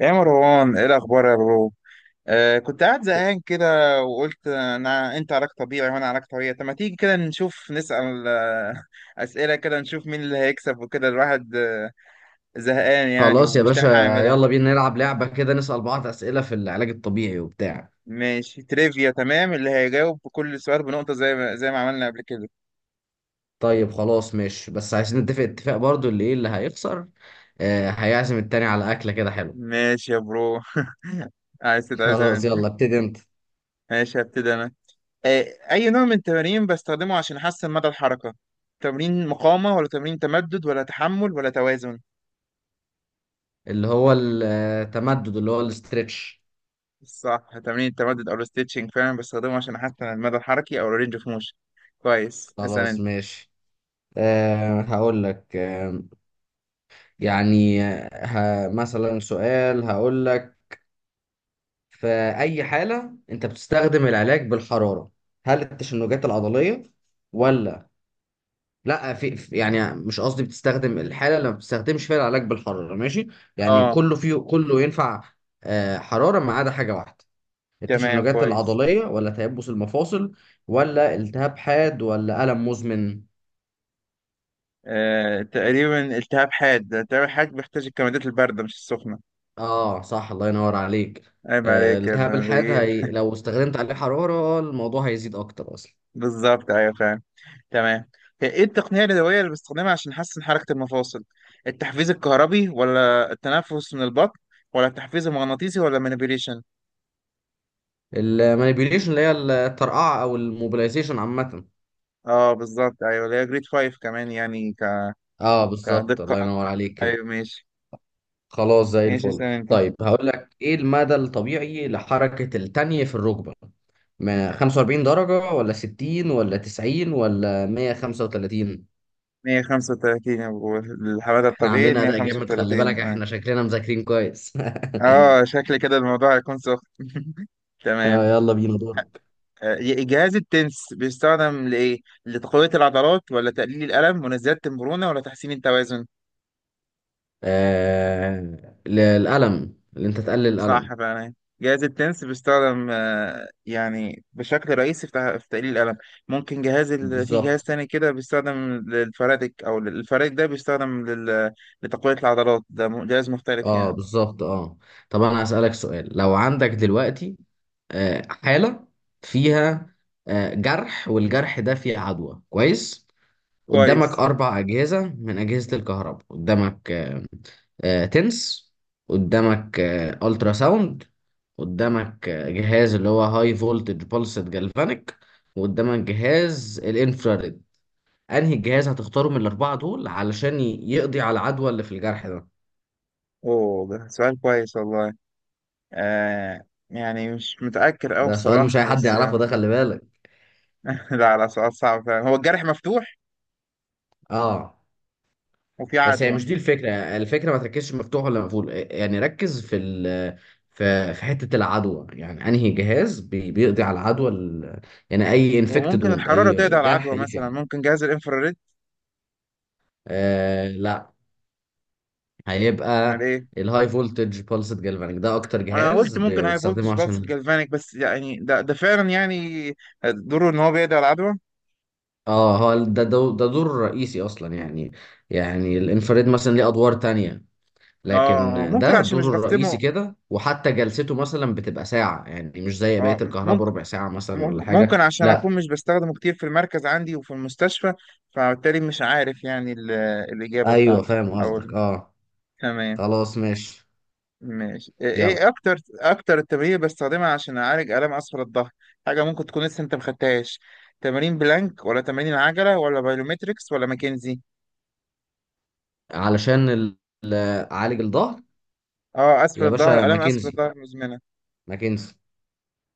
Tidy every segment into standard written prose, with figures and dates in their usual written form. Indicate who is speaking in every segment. Speaker 1: يا مروان ايه الاخبار يا برو؟ آه، كنت قاعد زهقان كده وقلت انا انت علاج طبيعي وانا علاج طبيعي، طب ما تيجي كده نشوف نسأل اسئله كده نشوف مين اللي هيكسب وكده الواحد زهقان يعني
Speaker 2: خلاص يا
Speaker 1: ومش
Speaker 2: باشا.
Speaker 1: لاقي حاجه يعملها.
Speaker 2: يلا بينا نلعب لعبة كده، نسأل بعض أسئلة في العلاج الطبيعي وبتاع.
Speaker 1: ماشي تريفيا، تمام، اللي هيجاوب بكل سؤال بنقطه زي ما زي ما عملنا قبل كده.
Speaker 2: طيب خلاص ماشي، بس عايزين نتفق اتفاق برضو اللي ايه اللي هيخسر. آه هيعزم التاني على أكلة كده حلوة.
Speaker 1: ماشي يا برو عايز تتعزم
Speaker 2: خلاص
Speaker 1: انت؟
Speaker 2: يلا ابتدي انت.
Speaker 1: ماشي هبتدي انا. آه، اي نوع من التمارين بستخدمه عشان احسن مدى الحركه؟ تمرين مقاومه ولا تمرين تمدد ولا تحمل ولا توازن؟
Speaker 2: اللي هو التمدد اللي هو الاسترتش.
Speaker 1: صح، تمرين التمدد او الستيتشنج فعلا بستخدمه عشان احسن المدى الحركي او الرينج اوف موشن. كويس، اسال
Speaker 2: خلاص
Speaker 1: انت.
Speaker 2: ماشي. هقول لك. يعني آه، مثلا سؤال هقول لك في أي حالة أنت بتستخدم العلاج بالحرارة؟ هل التشنجات العضلية ولا لا؟ يعني مش قصدي، بتستخدم الحاله اللي ما بتستخدمش فيها العلاج بالحراره ماشي؟ يعني
Speaker 1: اه.
Speaker 2: كله فيه، كله ينفع حراره ما عدا حاجه واحده.
Speaker 1: تمام،
Speaker 2: التشنجات
Speaker 1: كويس.
Speaker 2: العضليه ولا تيبس المفاصل ولا التهاب حاد ولا الم مزمن؟
Speaker 1: تقريبا التهاب حاد، التهاب الحاد بيحتاج الكمادات البارده مش السخنه.
Speaker 2: اه صح، الله ينور عليك.
Speaker 1: عيب عليك يا ابن
Speaker 2: التهاب الحاد
Speaker 1: الغيين.
Speaker 2: هي لو استخدمت عليه حراره الموضوع هيزيد اكتر اصلا.
Speaker 1: بالظبط، ايوه فعلا. تمام. هي ايه التقنيه اليدويه اللي بستخدمها عشان احسن حركه المفاصل؟ التحفيز الكهربي ولا التنفس من البطن ولا التحفيز المغناطيسي ولا المانيبيوليشن؟
Speaker 2: المانيبيوليشن اللي هي الترقعه او الموبيلايزيشن عامه.
Speaker 1: اه بالظبط، ايوه، اللي هي جريد 5 كمان، يعني
Speaker 2: اه بالظبط، الله
Speaker 1: كدقه
Speaker 2: ينور
Speaker 1: اكتر.
Speaker 2: عليك كده.
Speaker 1: ايوه ماشي.
Speaker 2: خلاص زي
Speaker 1: ماشي اسلم
Speaker 2: الفل.
Speaker 1: انت.
Speaker 2: طيب هقول لك ايه المدى الطبيعي لحركة التانية في الركبة؟ ما 45 درجة ولا 60 ولا 90 ولا 135؟
Speaker 1: 135 يا ابو الحمادة،
Speaker 2: احنا
Speaker 1: الطبيعي
Speaker 2: عاملين اداء جامد، خلي
Speaker 1: 135.
Speaker 2: بالك
Speaker 1: اه.
Speaker 2: احنا شكلنا مذاكرين كويس.
Speaker 1: اه، شكل كده الموضوع هيكون سخن. تمام.
Speaker 2: يلا بينا دورك.
Speaker 1: آه، جهاز التنس بيستخدم لإيه؟ لتقوية العضلات ولا تقليل الألم ولا زيادة المرونة ولا تحسين التوازن؟
Speaker 2: آه... الألم، اللي انت تقلل الألم.
Speaker 1: صح فعلا، جهاز التنس بيستخدم يعني بشكل رئيسي في في تقليل الألم. ممكن في جهاز
Speaker 2: بالظبط.
Speaker 1: تاني كده بيستخدم للفرادك، الفرادك ده بيستخدم لتقوية العضلات، ده جهاز مختلف
Speaker 2: اه
Speaker 1: يعني.
Speaker 2: بالظبط. اه طب انا هسألك سؤال. لو عندك دلوقتي حالة فيها جرح والجرح ده فيه عدوى، كويس؟ قدامك
Speaker 1: كويس.
Speaker 2: أربع أجهزة من أجهزة الكهرباء. قدامك تنس، قدامك ألترا ساوند، قدامك جهاز اللي هو هاي فولتج بولسد جالفانيك، وقدامك جهاز الانفراريد. أنهي جهاز هتختاره من الأربعة دول علشان يقضي على العدوى اللي في الجرح ده؟
Speaker 1: اوه، ده سؤال كويس والله. آه، يعني مش متأكد أوي
Speaker 2: ده سؤال مش أي
Speaker 1: بصراحة
Speaker 2: حد
Speaker 1: بس
Speaker 2: يعرفه،
Speaker 1: يعني.
Speaker 2: ده خلي بالك.
Speaker 1: لا، سؤال صعب فعلا. هو الجرح مفتوح
Speaker 2: اه
Speaker 1: وفي
Speaker 2: بس هي
Speaker 1: عدوى.
Speaker 2: مش دي الفكرة. الفكرة ما تركزش مفتوح ولا مقفول، يعني ركز في ال في في حتة العدوى، يعني انهي جهاز بيقضي على العدوى. يعني اي
Speaker 1: هو
Speaker 2: انفكتد
Speaker 1: ممكن
Speaker 2: ووند،
Speaker 1: الحرارة تقضي
Speaker 2: اي
Speaker 1: على
Speaker 2: جرح
Speaker 1: العدوى
Speaker 2: يفي
Speaker 1: مثلا؟
Speaker 2: عنه.
Speaker 1: ممكن جهاز الانفراريد.
Speaker 2: آه لا،
Speaker 1: امال
Speaker 2: هيبقى
Speaker 1: ايه؟
Speaker 2: الهاي فولتج بالسد جالفانيك. ده اكتر
Speaker 1: وانا
Speaker 2: جهاز
Speaker 1: قلت ممكن هاي
Speaker 2: بتستخدمه
Speaker 1: فولتج بالس
Speaker 2: عشان.
Speaker 1: جالفانيك، بس يعني ده فعلا يعني دوره ان هو بيقضي على العدوى.
Speaker 2: اه هو ده دور رئيسي اصلا يعني. يعني الانفراد مثلا ليه ادوار تانية، لكن
Speaker 1: اه ممكن،
Speaker 2: ده
Speaker 1: عشان مش
Speaker 2: دوره الرئيسي
Speaker 1: بختمه.
Speaker 2: كده. وحتى جلسته مثلا بتبقى ساعة، يعني مش زي بقية
Speaker 1: اه
Speaker 2: الكهرباء
Speaker 1: ممكن.
Speaker 2: ربع ساعة مثلا ولا
Speaker 1: ممكن
Speaker 2: حاجة.
Speaker 1: ممكن عشان
Speaker 2: لا.
Speaker 1: اكون مش بستخدمه كتير في المركز عندي وفي المستشفى، فبالتالي مش عارف يعني الإجابة
Speaker 2: ايوه
Speaker 1: بتاعتي
Speaker 2: فاهم
Speaker 1: أو.
Speaker 2: قصدك اه.
Speaker 1: تمام.
Speaker 2: خلاص ماشي.
Speaker 1: ماشي. ايه
Speaker 2: يلا.
Speaker 1: إيه اكتر التمارين اللي بستخدمها عشان اعالج الام اسفل الظهر؟ حاجه ممكن تكون لسه انت مخدتهاش. تمارين بلانك ولا تمارين العجله ولا بايلومتريكس ولا ماكنزي؟
Speaker 2: علشان ال- اعالج الظهر.
Speaker 1: اه اسفل
Speaker 2: يا باشا
Speaker 1: الظهر، الام اسفل
Speaker 2: ماكنزي.
Speaker 1: الظهر مزمنه.
Speaker 2: ماكنزي.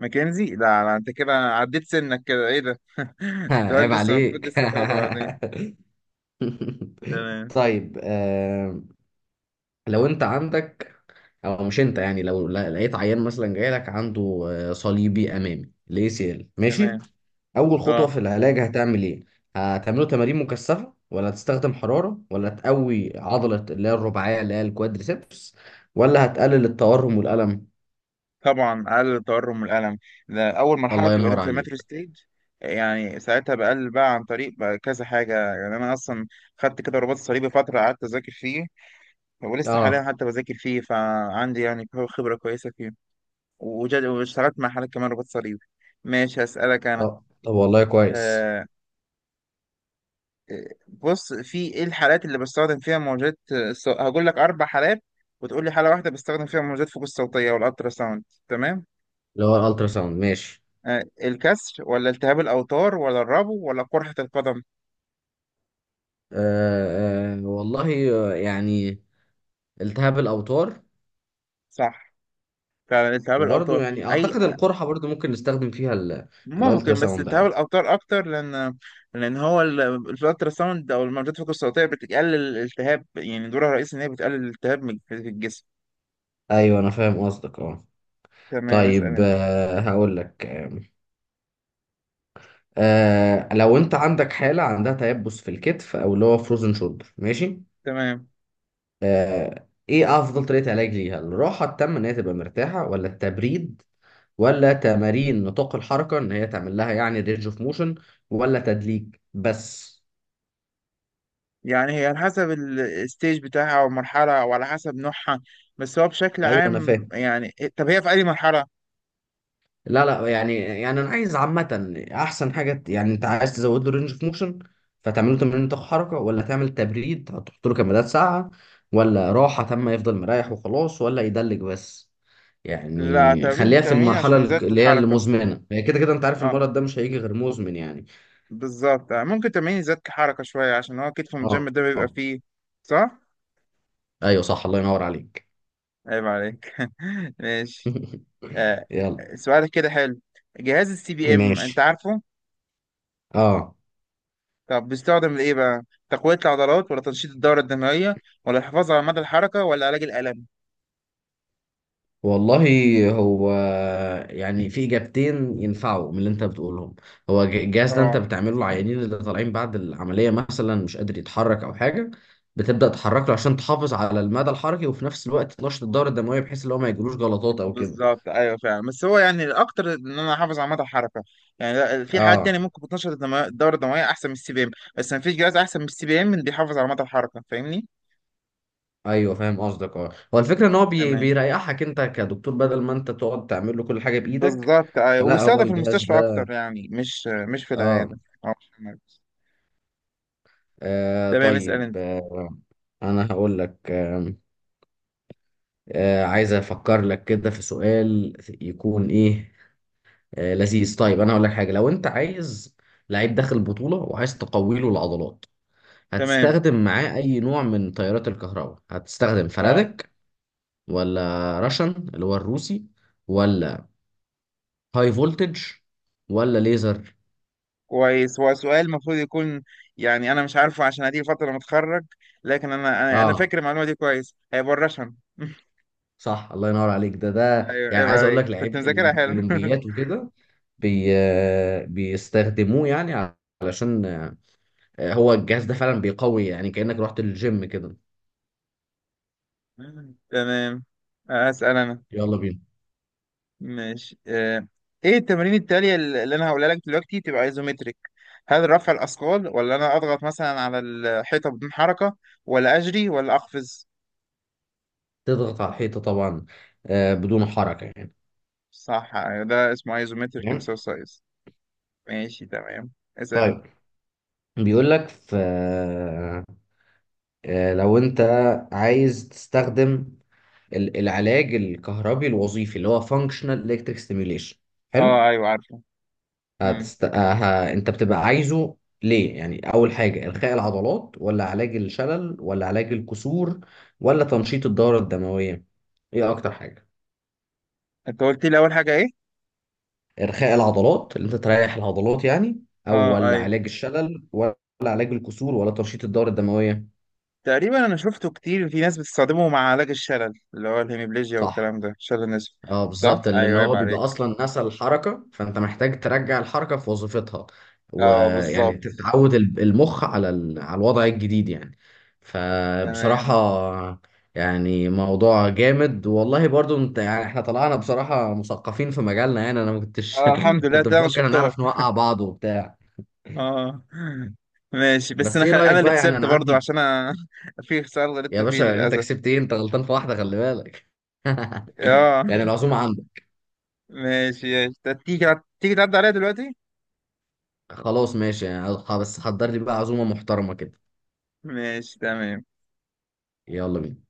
Speaker 1: ماكنزي؟ لا، انت كده عديت سنك كده، ايه ده؟ سؤال
Speaker 2: عيب
Speaker 1: لسه المفروض
Speaker 2: عليك.
Speaker 1: لسه تاخده بعدين. تمام.
Speaker 2: طيب آه، لو انت عندك، او مش انت يعني، لو لقيت عيان مثلا جاي لك عنده صليبي امامي، الاي سي ال، ماشي؟
Speaker 1: تمام.
Speaker 2: اول خطوه
Speaker 1: اه
Speaker 2: في العلاج هتعمل ايه؟ هتعمله تمارين مكثفه ولا هتستخدم حراره ولا تقوي عضله اللي هي الرباعيه اللي هي الكوادريسبس، ولا هتقلل التورم والالم؟
Speaker 1: طبعا، اقل التورم والالم. ده اول مرحله
Speaker 2: الله
Speaker 1: بتبقى
Speaker 2: ينور
Speaker 1: الانفلاماتوري
Speaker 2: عليك.
Speaker 1: ستيج. يعني ساعتها بقلل بقى عن طريق بقى كذا حاجه، يعني انا اصلا خدت كده رباط صليبي، فتره قعدت اذاكر فيه، ولسه حاليا
Speaker 2: اه
Speaker 1: حتى بذاكر فيه، فعندي يعني خبره كويسه فيه. واشتغلت مع حالات كمان رباط صليبي. ماشي هسألك انا.
Speaker 2: طب طب، والله كويس.
Speaker 1: آه، بص، في ايه الحالات اللي بستخدم فيها هقول لك اربع حالات وتقول لي حاله واحده بستخدم فيها موجات فوق الصوتيه والالترا ساوند. تمام.
Speaker 2: اللي هو الالترا ساوند ماشي.
Speaker 1: آه، الكسر ولا التهاب الأوتار ولا الربو ولا قرحة القدم؟
Speaker 2: آه آه والله آه، يعني التهاب الاوتار.
Speaker 1: صح، فعلا التهاب الأوتار.
Speaker 2: وبرضه يعني
Speaker 1: أي،
Speaker 2: اعتقد القرحه برضه ممكن نستخدم فيها الالترا
Speaker 1: ممكن، بس
Speaker 2: ساوند
Speaker 1: التهاب
Speaker 2: عادي.
Speaker 1: الأوتار أكتر لأن. لأن هو الالترا ساوند أو الموجات الفوق الصوتية بتقلل الالتهاب، يعني دورها الرئيسي إن هي بتقلل الالتهاب في الجسم.
Speaker 2: ايوه انا فاهم قصدك اه.
Speaker 1: تمام، اسأل
Speaker 2: طيب
Speaker 1: أنت.
Speaker 2: آه هقول لك آه، لو انت عندك حاله عندها تيبس في الكتف او اللي هو فروزن شولدر، ماشي؟
Speaker 1: تمام.
Speaker 2: آه ايه افضل طريقه علاج ليها؟ الراحه التامه ان هي تبقى مرتاحه، ولا التبريد، ولا تمارين نطاق الحركه ان هي تعمل لها يعني رينج اوف موشن، ولا تدليك بس؟
Speaker 1: يعني هي على حسب الستيج بتاعها أو المرحلة أو على حسب نوعها، بس هو بشكل
Speaker 2: ايوه انا
Speaker 1: عام
Speaker 2: فاهم.
Speaker 1: يعني، طب هي في أي مرحلة؟
Speaker 2: لا لا يعني، يعني انا عايز عامه احسن حاجه. يعني انت عايز تزود له رينج اوف موشن، فتعمله تمرين طاقه حركه، ولا تعمل تبريد هتحط له كمادات ساقعه، ولا راحه تامه يفضل مريح وخلاص، ولا يدلك بس؟
Speaker 1: لا،
Speaker 2: يعني
Speaker 1: تمرين
Speaker 2: خليها في
Speaker 1: تمرين
Speaker 2: المرحله
Speaker 1: عشان إزالة
Speaker 2: اللي هي
Speaker 1: الحركة.
Speaker 2: المزمنه، هي كده كده انت عارف
Speaker 1: اه
Speaker 2: المرض ده مش هيجي غير مزمن يعني.
Speaker 1: بالظبط. آه، ممكن تمرين الذات كحركة شوية عشان هو كتف الجيم
Speaker 2: اه
Speaker 1: ده بيبقى
Speaker 2: آه.
Speaker 1: فيه. صح؟
Speaker 2: ايوه صح، الله ينور عليك.
Speaker 1: عيب عليك. ماشي. آه.
Speaker 2: يلا.
Speaker 1: سؤالك كده حلو. جهاز السي بي ام انت
Speaker 2: ماشي
Speaker 1: عارفه؟
Speaker 2: اه.
Speaker 1: طب بيستخدم لإيه بقى؟ تقوية العضلات ولا تنشيط الدورة الدموية ولا الحفاظ على مدى الحركة ولا علاج الألم؟
Speaker 2: والله هو يعني في اجابتين ينفعوا من اللي انت بتقولهم. هو الجهاز ده انت
Speaker 1: اه
Speaker 2: بتعمله العيانين اللي طالعين بعد العمليه مثلا مش قادر يتحرك او حاجه، بتبدا تحرك له عشان تحافظ على المدى الحركي، وفي نفس الوقت تنشط الدوره الدمويه بحيث ان هو ما يجيلوش جلطات او كده.
Speaker 1: بالظبط، ايوه فعلا، بس هو يعني الاكتر ان انا احافظ على مدى الحركه. يعني لا، في حاجات تانية
Speaker 2: اه
Speaker 1: ممكن الدوره الدمويه احسن من السي بي ام. بس مفيش جهاز احسن من السي بي ام بيحافظ على مدى الحركه، فاهمني؟
Speaker 2: ايوه فاهم قصدك اه، هو الفكره ان هو
Speaker 1: تمام.
Speaker 2: بيريحك انت كدكتور بدل ما انت تقعد تعمل له كل حاجه بايدك.
Speaker 1: بالظبط، أيوة،
Speaker 2: فلا هو
Speaker 1: ويستخدم في
Speaker 2: الجهاز
Speaker 1: المستشفى أكتر،
Speaker 2: ده
Speaker 1: يعني مش في
Speaker 2: اه.
Speaker 1: العيادة أو مش في المركز. تمام، اسأل
Speaker 2: طيب
Speaker 1: أنت.
Speaker 2: آه، انا هقول لك عايز افكر لك كده في سؤال يكون ايه لذيذ. طيب انا هقول لك حاجه، لو انت عايز لعيب داخل البطوله وعايز تقوي له العضلات،
Speaker 1: تمام.
Speaker 2: هتستخدم معاه اي نوع من تيارات الكهرباء؟ هتستخدم
Speaker 1: أه،
Speaker 2: فلادك، ولا راشن اللي هو الروسي، ولا هاي فولتج، ولا ليزر؟
Speaker 1: كويس. هو سؤال المفروض يكون، يعني أنا مش عارفه عشان هدي فترة متخرج، لكن أنا أنا
Speaker 2: اه
Speaker 1: فاكر المعلومة دي كويس. هيبقى الرشن.
Speaker 2: صح، الله ينور عليك. ده ده
Speaker 1: أيوه،
Speaker 2: يعني
Speaker 1: عيب
Speaker 2: عايز اقول
Speaker 1: عليك،
Speaker 2: لك،
Speaker 1: كنت
Speaker 2: لعيبه
Speaker 1: مذاكرها حلو.
Speaker 2: الاولمبيات وكده بي... آه، بيستخدموه يعني، علشان هو الجهاز ده فعلا بيقوي، يعني كأنك رحت الجيم كده.
Speaker 1: تمام. أسأل أنا.
Speaker 2: يلا بينا.
Speaker 1: ماشي. آه. ايه التمارين التالية اللي انا هقولها لك دلوقتي تبقى ايزومتريك؟ هل رفع الاثقال ولا انا اضغط مثلا على الحيطة بدون حركة ولا اجري ولا اقفز؟
Speaker 2: تضغط على الحيطة طبعا، بدون حركة يعني.
Speaker 1: صح، يعني ده اسمه ايزومتريك
Speaker 2: تمام.
Speaker 1: اكسرسايز. ماشي، تمام. اسال انت.
Speaker 2: طيب بيقول لك، في لو انت عايز تستخدم العلاج الكهربي الوظيفي اللي هو functional electric stimulation، حلو؟
Speaker 1: اه ايوه عارفه. امم.
Speaker 2: انت بتبقى عايزه ليه؟ يعني اول حاجة الخاء العضلات، ولا علاج الشلل، ولا علاج الكسور، ولا تنشيط الدورة الدموية؟ ايه اكتر حاجة؟
Speaker 1: انت قلت لي اول حاجة ايه؟
Speaker 2: إرخاء العضلات، اللي أنت تريح العضلات يعني،
Speaker 1: اه
Speaker 2: ولا
Speaker 1: ايوه.
Speaker 2: علاج الشلل، ولا علاج الكسور، ولا تنشيط الدورة الدموية؟
Speaker 1: تقريبا انا شفته كتير في ناس بتستخدمه مع علاج الشلل اللي هو الهيميبليجيا
Speaker 2: صح.
Speaker 1: والكلام ده، شلل النسف.
Speaker 2: اه
Speaker 1: صح
Speaker 2: بالظبط، لان
Speaker 1: ايوه، عيب
Speaker 2: هو بيبقى
Speaker 1: عليك.
Speaker 2: اصلا نسى الحركه، فانت محتاج ترجع الحركه في وظيفتها،
Speaker 1: اه
Speaker 2: ويعني
Speaker 1: بالظبط.
Speaker 2: تتعود المخ على على الوضع الجديد يعني.
Speaker 1: تمام.
Speaker 2: فبصراحه يعني موضوع جامد والله، برضو انت يعني احنا طلعنا بصراحه مثقفين في مجالنا. يعني انا ما كنتش
Speaker 1: اه الحمد لله،
Speaker 2: كنت
Speaker 1: ده انا
Speaker 2: مفكر
Speaker 1: شطار.
Speaker 2: هنعرف نوقع بعض وبتاع.
Speaker 1: اه ماشي، بس
Speaker 2: بس
Speaker 1: انا
Speaker 2: ايه رايك
Speaker 1: انا اللي
Speaker 2: بقى؟ يعني
Speaker 1: خسرت
Speaker 2: انا
Speaker 1: برضو
Speaker 2: عندي،
Speaker 1: عشان أنا. في خسارة غلطت
Speaker 2: يا
Speaker 1: فيه
Speaker 2: باشا يعني انت
Speaker 1: للاسف.
Speaker 2: كسبت ايه، انت غلطان في واحده خلي بالك.
Speaker 1: اه
Speaker 2: يعني العزومه عندك.
Speaker 1: ماشي، ماشي. طب تيجي، تيجي تعدي عليا دلوقتي.
Speaker 2: خلاص ماشي، يعني بس حضر لي بقى عزومه محترمه كده.
Speaker 1: ماشي تمام.
Speaker 2: يلا بينا.